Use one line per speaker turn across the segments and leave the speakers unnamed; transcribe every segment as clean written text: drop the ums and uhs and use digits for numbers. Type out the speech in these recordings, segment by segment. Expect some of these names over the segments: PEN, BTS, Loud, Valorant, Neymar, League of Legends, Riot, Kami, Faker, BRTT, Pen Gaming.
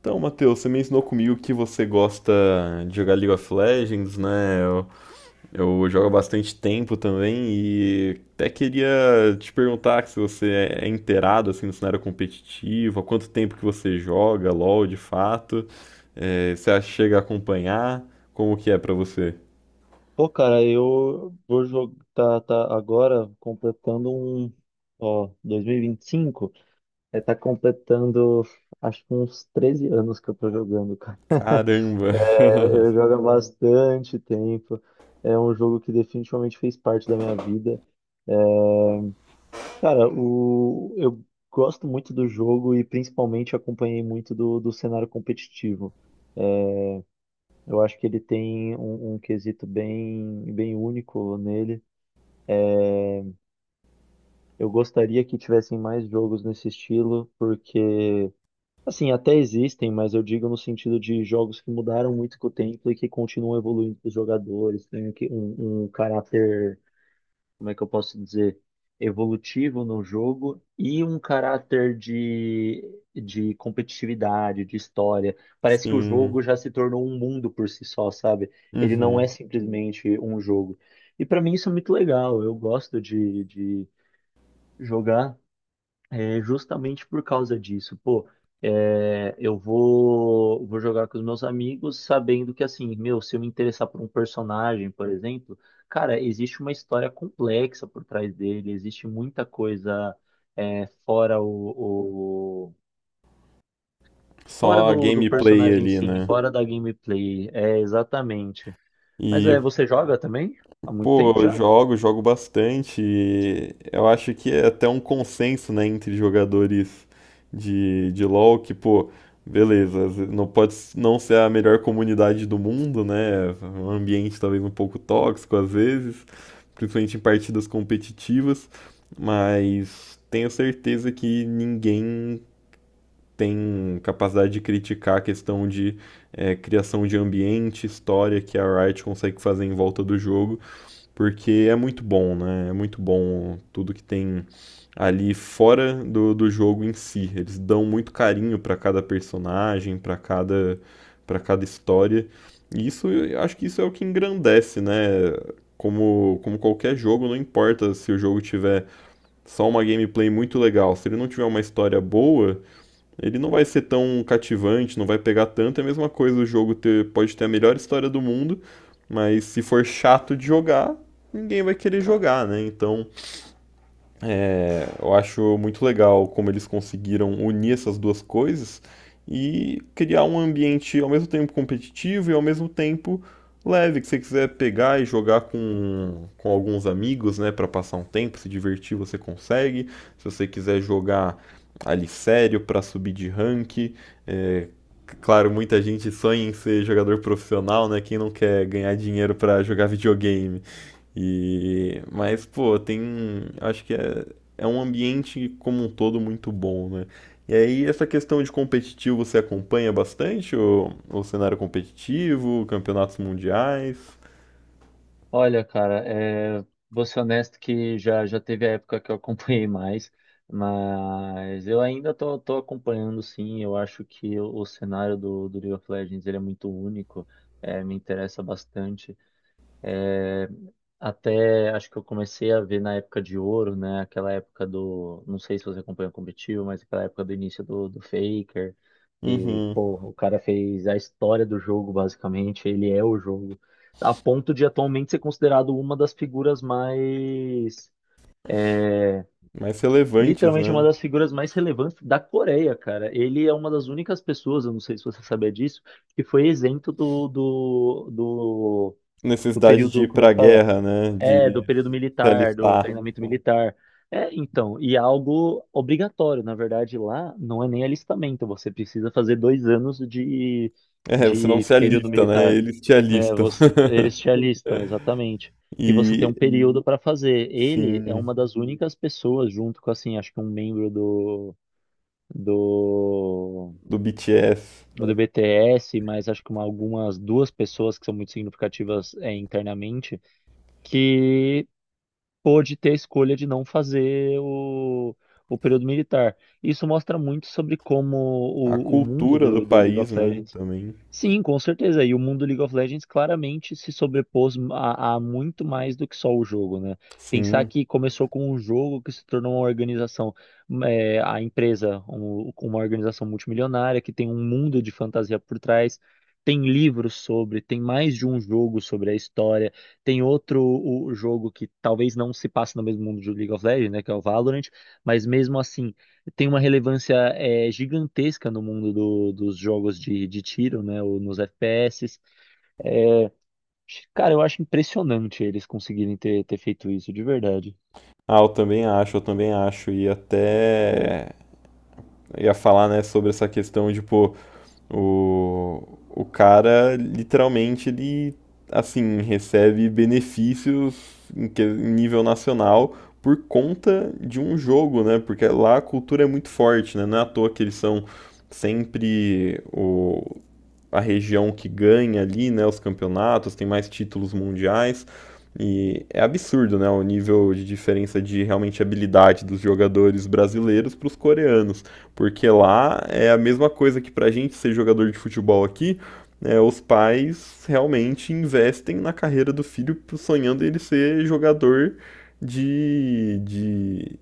Então, Matheus, você mencionou comigo que você gosta de jogar League of Legends, né? Eu jogo há bastante tempo também e até queria te perguntar se você é inteirado assim, no cenário competitivo, há quanto tempo que você joga LoL de fato, você acha que chega a acompanhar, como que é pra você?
Pô, cara, eu vou jogar tá agora completando um, ó, 2025, tá completando acho que uns 13 anos que eu tô jogando, cara.
Caramba!
É, eu jogo há bastante tempo. É um jogo que definitivamente fez parte da minha vida. Cara, eu gosto muito do jogo e principalmente acompanhei muito do cenário competitivo. Eu acho que ele tem um quesito bem único nele. Eu gostaria que tivessem mais jogos nesse estilo, porque, assim, até existem, mas eu digo no sentido de jogos que mudaram muito com o tempo e que continuam evoluindo para os jogadores, tem aqui um caráter, como é que eu posso dizer, evolutivo no jogo e um caráter de competitividade, de história. Parece que o
Sim.
jogo já se tornou um mundo por si só, sabe? Ele não é
Uhum.
simplesmente um jogo. E para mim isso é muito legal, eu gosto jogar é justamente por causa disso, pô, é, vou jogar com os meus amigos sabendo que, assim, meu, se eu me interessar por um personagem, por exemplo, cara, existe uma história complexa por trás dele, existe muita coisa é, fora fora
Só a
do
gameplay
personagem,
ali,
sim,
né?
fora da gameplay, é, exatamente. Mas é,
E
você joga também? Há muito
pô,
tempo
eu
já?
jogo bastante. E eu acho que é até um consenso, né, entre jogadores de LoL que, pô, beleza, às vezes não ser a melhor comunidade do mundo, né? Um ambiente talvez um pouco tóxico às vezes, principalmente em partidas competitivas, mas tenho certeza que ninguém tem capacidade de criticar a questão de criação de ambiente, história que a Riot consegue fazer em volta do jogo. Porque é muito bom, né? É muito bom tudo que tem ali fora do jogo em si. Eles dão muito carinho para cada personagem, para cada história. E isso, eu acho que isso é o que engrandece, né? Como, como qualquer jogo, não importa se o jogo tiver só uma gameplay muito legal, se ele não tiver uma história boa, ele não vai ser tão cativante, não vai pegar tanto. É a mesma coisa o jogo ter, pode ter a melhor história do mundo, mas se for chato de jogar, ninguém vai querer jogar, né? Então, eu acho muito legal como eles conseguiram unir essas duas coisas e criar um ambiente ao mesmo tempo competitivo e ao mesmo tempo leve, que você quiser pegar e jogar com alguns amigos, né, para passar um tempo, se divertir, você consegue. Se você quiser jogar ali sério para subir de rank, é, claro, muita gente sonha em ser jogador profissional, né? Quem não quer ganhar dinheiro para jogar videogame? E mas pô, acho que é um ambiente como um todo muito bom, né? E aí, essa questão de competitivo, você acompanha bastante o cenário competitivo, campeonatos mundiais?
Olha, cara, é, vou ser honesto que já teve a época que eu acompanhei mais, mas eu ainda tô acompanhando sim. Eu acho que o cenário do League of Legends ele é muito único, é, me interessa bastante. Eh, Até acho que eu comecei a ver na época de ouro, né? Aquela época do. Não sei se você acompanha o competitivo, mas aquela época do início do Faker. E,
Uhum.
pô, o cara fez a história do jogo, basicamente. Ele é o jogo. A ponto de atualmente ser considerado uma das figuras mais.
Mais relevantes,
Literalmente uma
né?
das figuras mais relevantes da Coreia, cara. Ele é uma das únicas pessoas, eu não sei se você sabia disso, que foi isento do
Necessidade de
período,
ir
como é
pra
que fala?
guerra, né?
É, do
De
período
se
militar, do
alistar.
treinamento militar. É, então, e é algo obrigatório, na verdade, lá não é nem alistamento, você precisa fazer 2 anos
É, você não
de
se
período
alista, né?
militar.
Eles te
É,
alistam.
você, eles te alistam, exatamente. E você tem um
E,
período para fazer. Ele é
sim,
uma das únicas pessoas, junto com, assim, acho que um membro do,
do BTS.
do BTS, mas acho que uma- algumas duas pessoas que são muito significativas, é, internamente, que pôde ter a escolha de não fazer o período militar. Isso mostra muito sobre como
A
o mundo
cultura do
do League
país,
of
né?
Legends.
Também.
Sim, com certeza. E o mundo League of Legends claramente se sobrepôs a muito mais do que só o jogo, né? Pensar
Sim.
que começou com um jogo que se tornou uma organização, é, a empresa, um- uma organização multimilionária que tem um mundo de fantasia por trás, tem livros sobre, tem mais de um jogo sobre a história, tem outro o jogo que talvez não se passe no mesmo mundo do League of Legends, né? Que é o Valorant, mas mesmo assim tem uma relevância é, gigantesca no mundo do- dos jogos de tiro, né? Ou nos FPS. Cara, eu acho impressionante eles conseguirem ter feito isso, de verdade.
Ah, eu também acho, eu também acho. E até ia falar, né, sobre essa questão de, pô, o cara literalmente ele recebe benefícios em nível nacional por conta de um jogo, né? Porque lá a cultura é muito forte, né? Não é à toa que eles são sempre a região que ganha ali, né, os campeonatos, tem mais títulos mundiais. E é absurdo, né, o nível de diferença de realmente habilidade dos jogadores brasileiros para os coreanos, porque lá é a mesma coisa que para a gente ser jogador de futebol aqui, né, os pais realmente investem na carreira do filho sonhando ele ser jogador de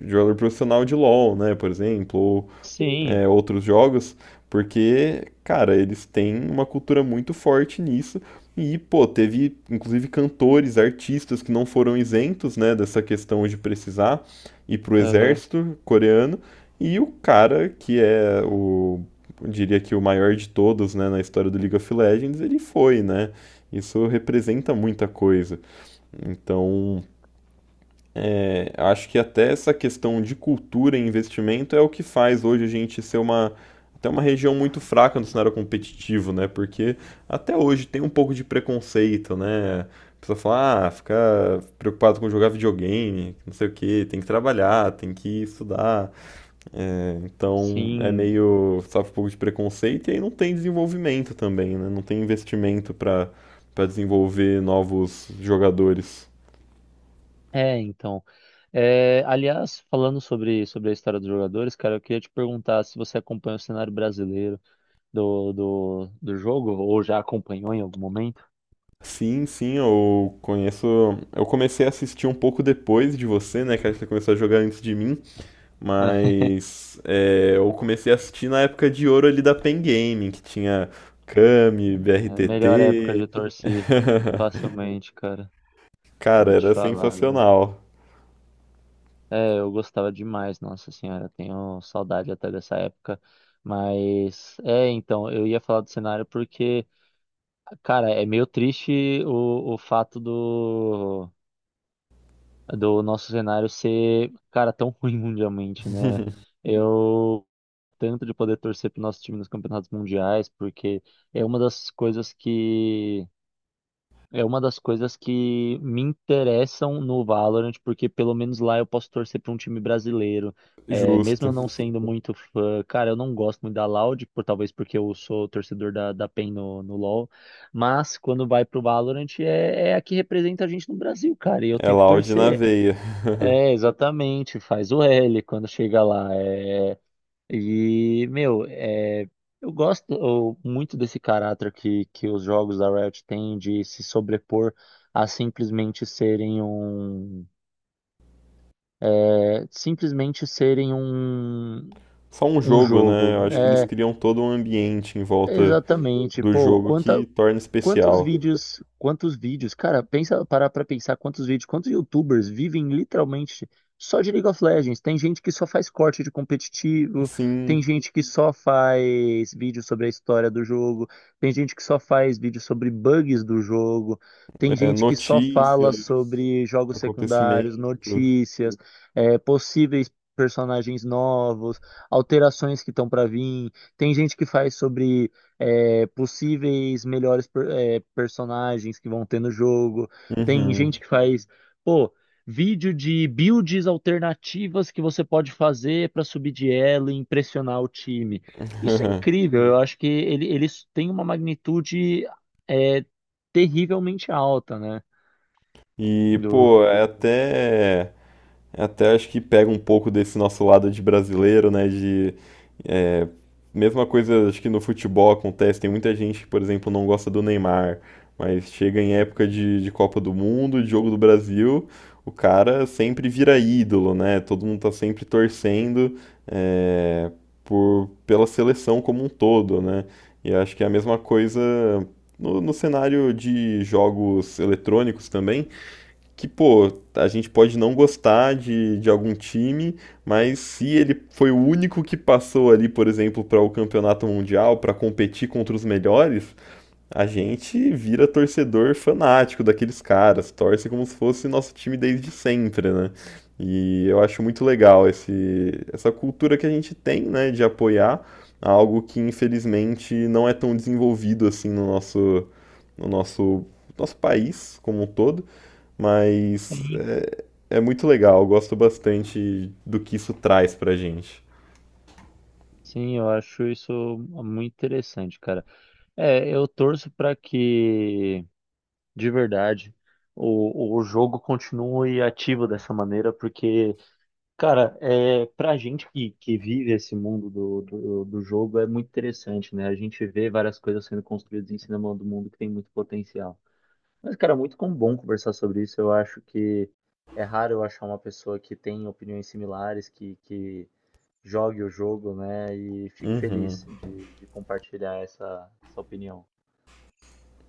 jogador profissional de LoL, né, por exemplo, ou
Sim,
outros jogos, porque, cara, eles têm uma cultura muito forte nisso. E, pô, teve inclusive cantores, artistas que não foram isentos, né, dessa questão de precisar ir pro
aham,
exército coreano. E o cara, que é o, eu diria que o maior de todos, né, na história do League of Legends, ele foi, né? Isso representa muita coisa. Então, acho que até essa questão de cultura e investimento é o que faz hoje a gente ser uma, até uma região muito fraca no cenário competitivo, né? Porque até hoje tem um pouco de preconceito, né? A pessoa fala, ah, fica preocupado com jogar videogame, não sei o quê, tem que trabalhar, tem que estudar. É, então é
sim.
meio, sofre um pouco de preconceito e aí não tem desenvolvimento também, né? Não tem investimento para desenvolver novos jogadores.
É, então. É, aliás, falando sobre a história dos jogadores, cara, eu queria te perguntar se você acompanha o cenário brasileiro do jogo, ou já acompanhou em algum momento?
Sim, sim, eu conheço. Eu comecei a assistir um pouco depois de você, né? Que acho que você começou a jogar antes de mim. Mas é, eu comecei a assistir na época de ouro ali da Pen Gaming, que tinha Kami,
É, melhor época
BRTT.
de torcer, facilmente, cara.
Cara,
Vou te
era
falar.
sensacional.
É, eu gostava demais, nossa senhora, tenho saudade até dessa época. Mas, é, então, eu ia falar do cenário porque, cara, é meio triste o fato do, do nosso cenário ser, cara, tão ruim mundialmente, né? Eu tanto de poder torcer pro nosso time nos campeonatos mundiais, porque é uma das coisas que é uma das coisas que me interessam no Valorant, porque pelo menos lá eu posso torcer para um time brasileiro. É, mesmo
Justo.
eu não sendo muito fã, cara, eu não gosto muito da Loud, por, talvez porque eu sou torcedor da PEN no LoL, mas quando vai pro Valorant é a que representa a gente no Brasil, cara, e eu
É
tenho que
Loud na
torcer.
veia.
É, exatamente, faz o L quando chega lá. É, meu, é, muito desse caráter que os jogos da Riot têm de se sobrepor a simplesmente serem um, é, simplesmente serem um,
Só um
um
jogo, né?
jogo.
Eu acho que eles
É,
criam todo um ambiente em volta
exatamente.
do jogo que torna
Quantos
especial.
cara, pensa, parar pra pensar quantos quantos YouTubers vivem literalmente só de League of Legends. Tem gente que só faz corte de competitivo, tem
Sim.
gente que só faz vídeo sobre a história do jogo, tem gente que só faz vídeo sobre bugs do jogo, tem
É,
gente que só fala
notícias,
sobre jogos secundários,
acontecimentos.
notícias, é, possíveis personagens novos, alterações que estão pra vir. Tem gente que faz sobre é, possíveis melhores personagens que vão ter no jogo. Tem gente
Uhum.
que faz, pô, vídeo de builds alternativas que você pode fazer para subir de elo e impressionar o time. Isso é incrível, eu acho que ele tem uma magnitude é, terrivelmente alta, né?
E,
Do,
pô,
do-
é até acho que pega um pouco desse nosso lado de brasileiro, né? De mesma coisa, acho que no futebol acontece, tem muita gente que, por exemplo, não gosta do Neymar, mas chega em época de Copa do Mundo, de Jogo do Brasil, o cara sempre vira ídolo, né? Todo mundo tá sempre torcendo é, pela seleção como um todo, né? E acho que é a mesma coisa no cenário de jogos eletrônicos também que, pô, a gente pode não gostar de algum time, mas se ele foi o único que passou ali, por exemplo, para o campeonato mundial, para competir contra os melhores, a gente vira torcedor fanático daqueles caras, torce como se fosse nosso time desde sempre, né? E eu acho muito legal essa cultura que a gente tem, né, de apoiar algo que infelizmente não é tão desenvolvido assim no no nosso, nosso país como um todo, mas
Sim,
é, é muito legal, eu gosto bastante do que isso traz pra gente.
sim, eu acho isso muito interessante, cara. É, eu torço para que de verdade o jogo continue ativo dessa maneira, porque, cara, é, pra gente que vive esse mundo do jogo é muito interessante, né? A gente vê várias coisas sendo construídas em cima do mundo que tem muito potencial. Mas, cara, é muito bom conversar sobre isso. Eu acho que é raro eu achar uma pessoa que tem opiniões similares, que jogue o jogo, né? E fico
Uhum.
feliz de compartilhar essa opinião.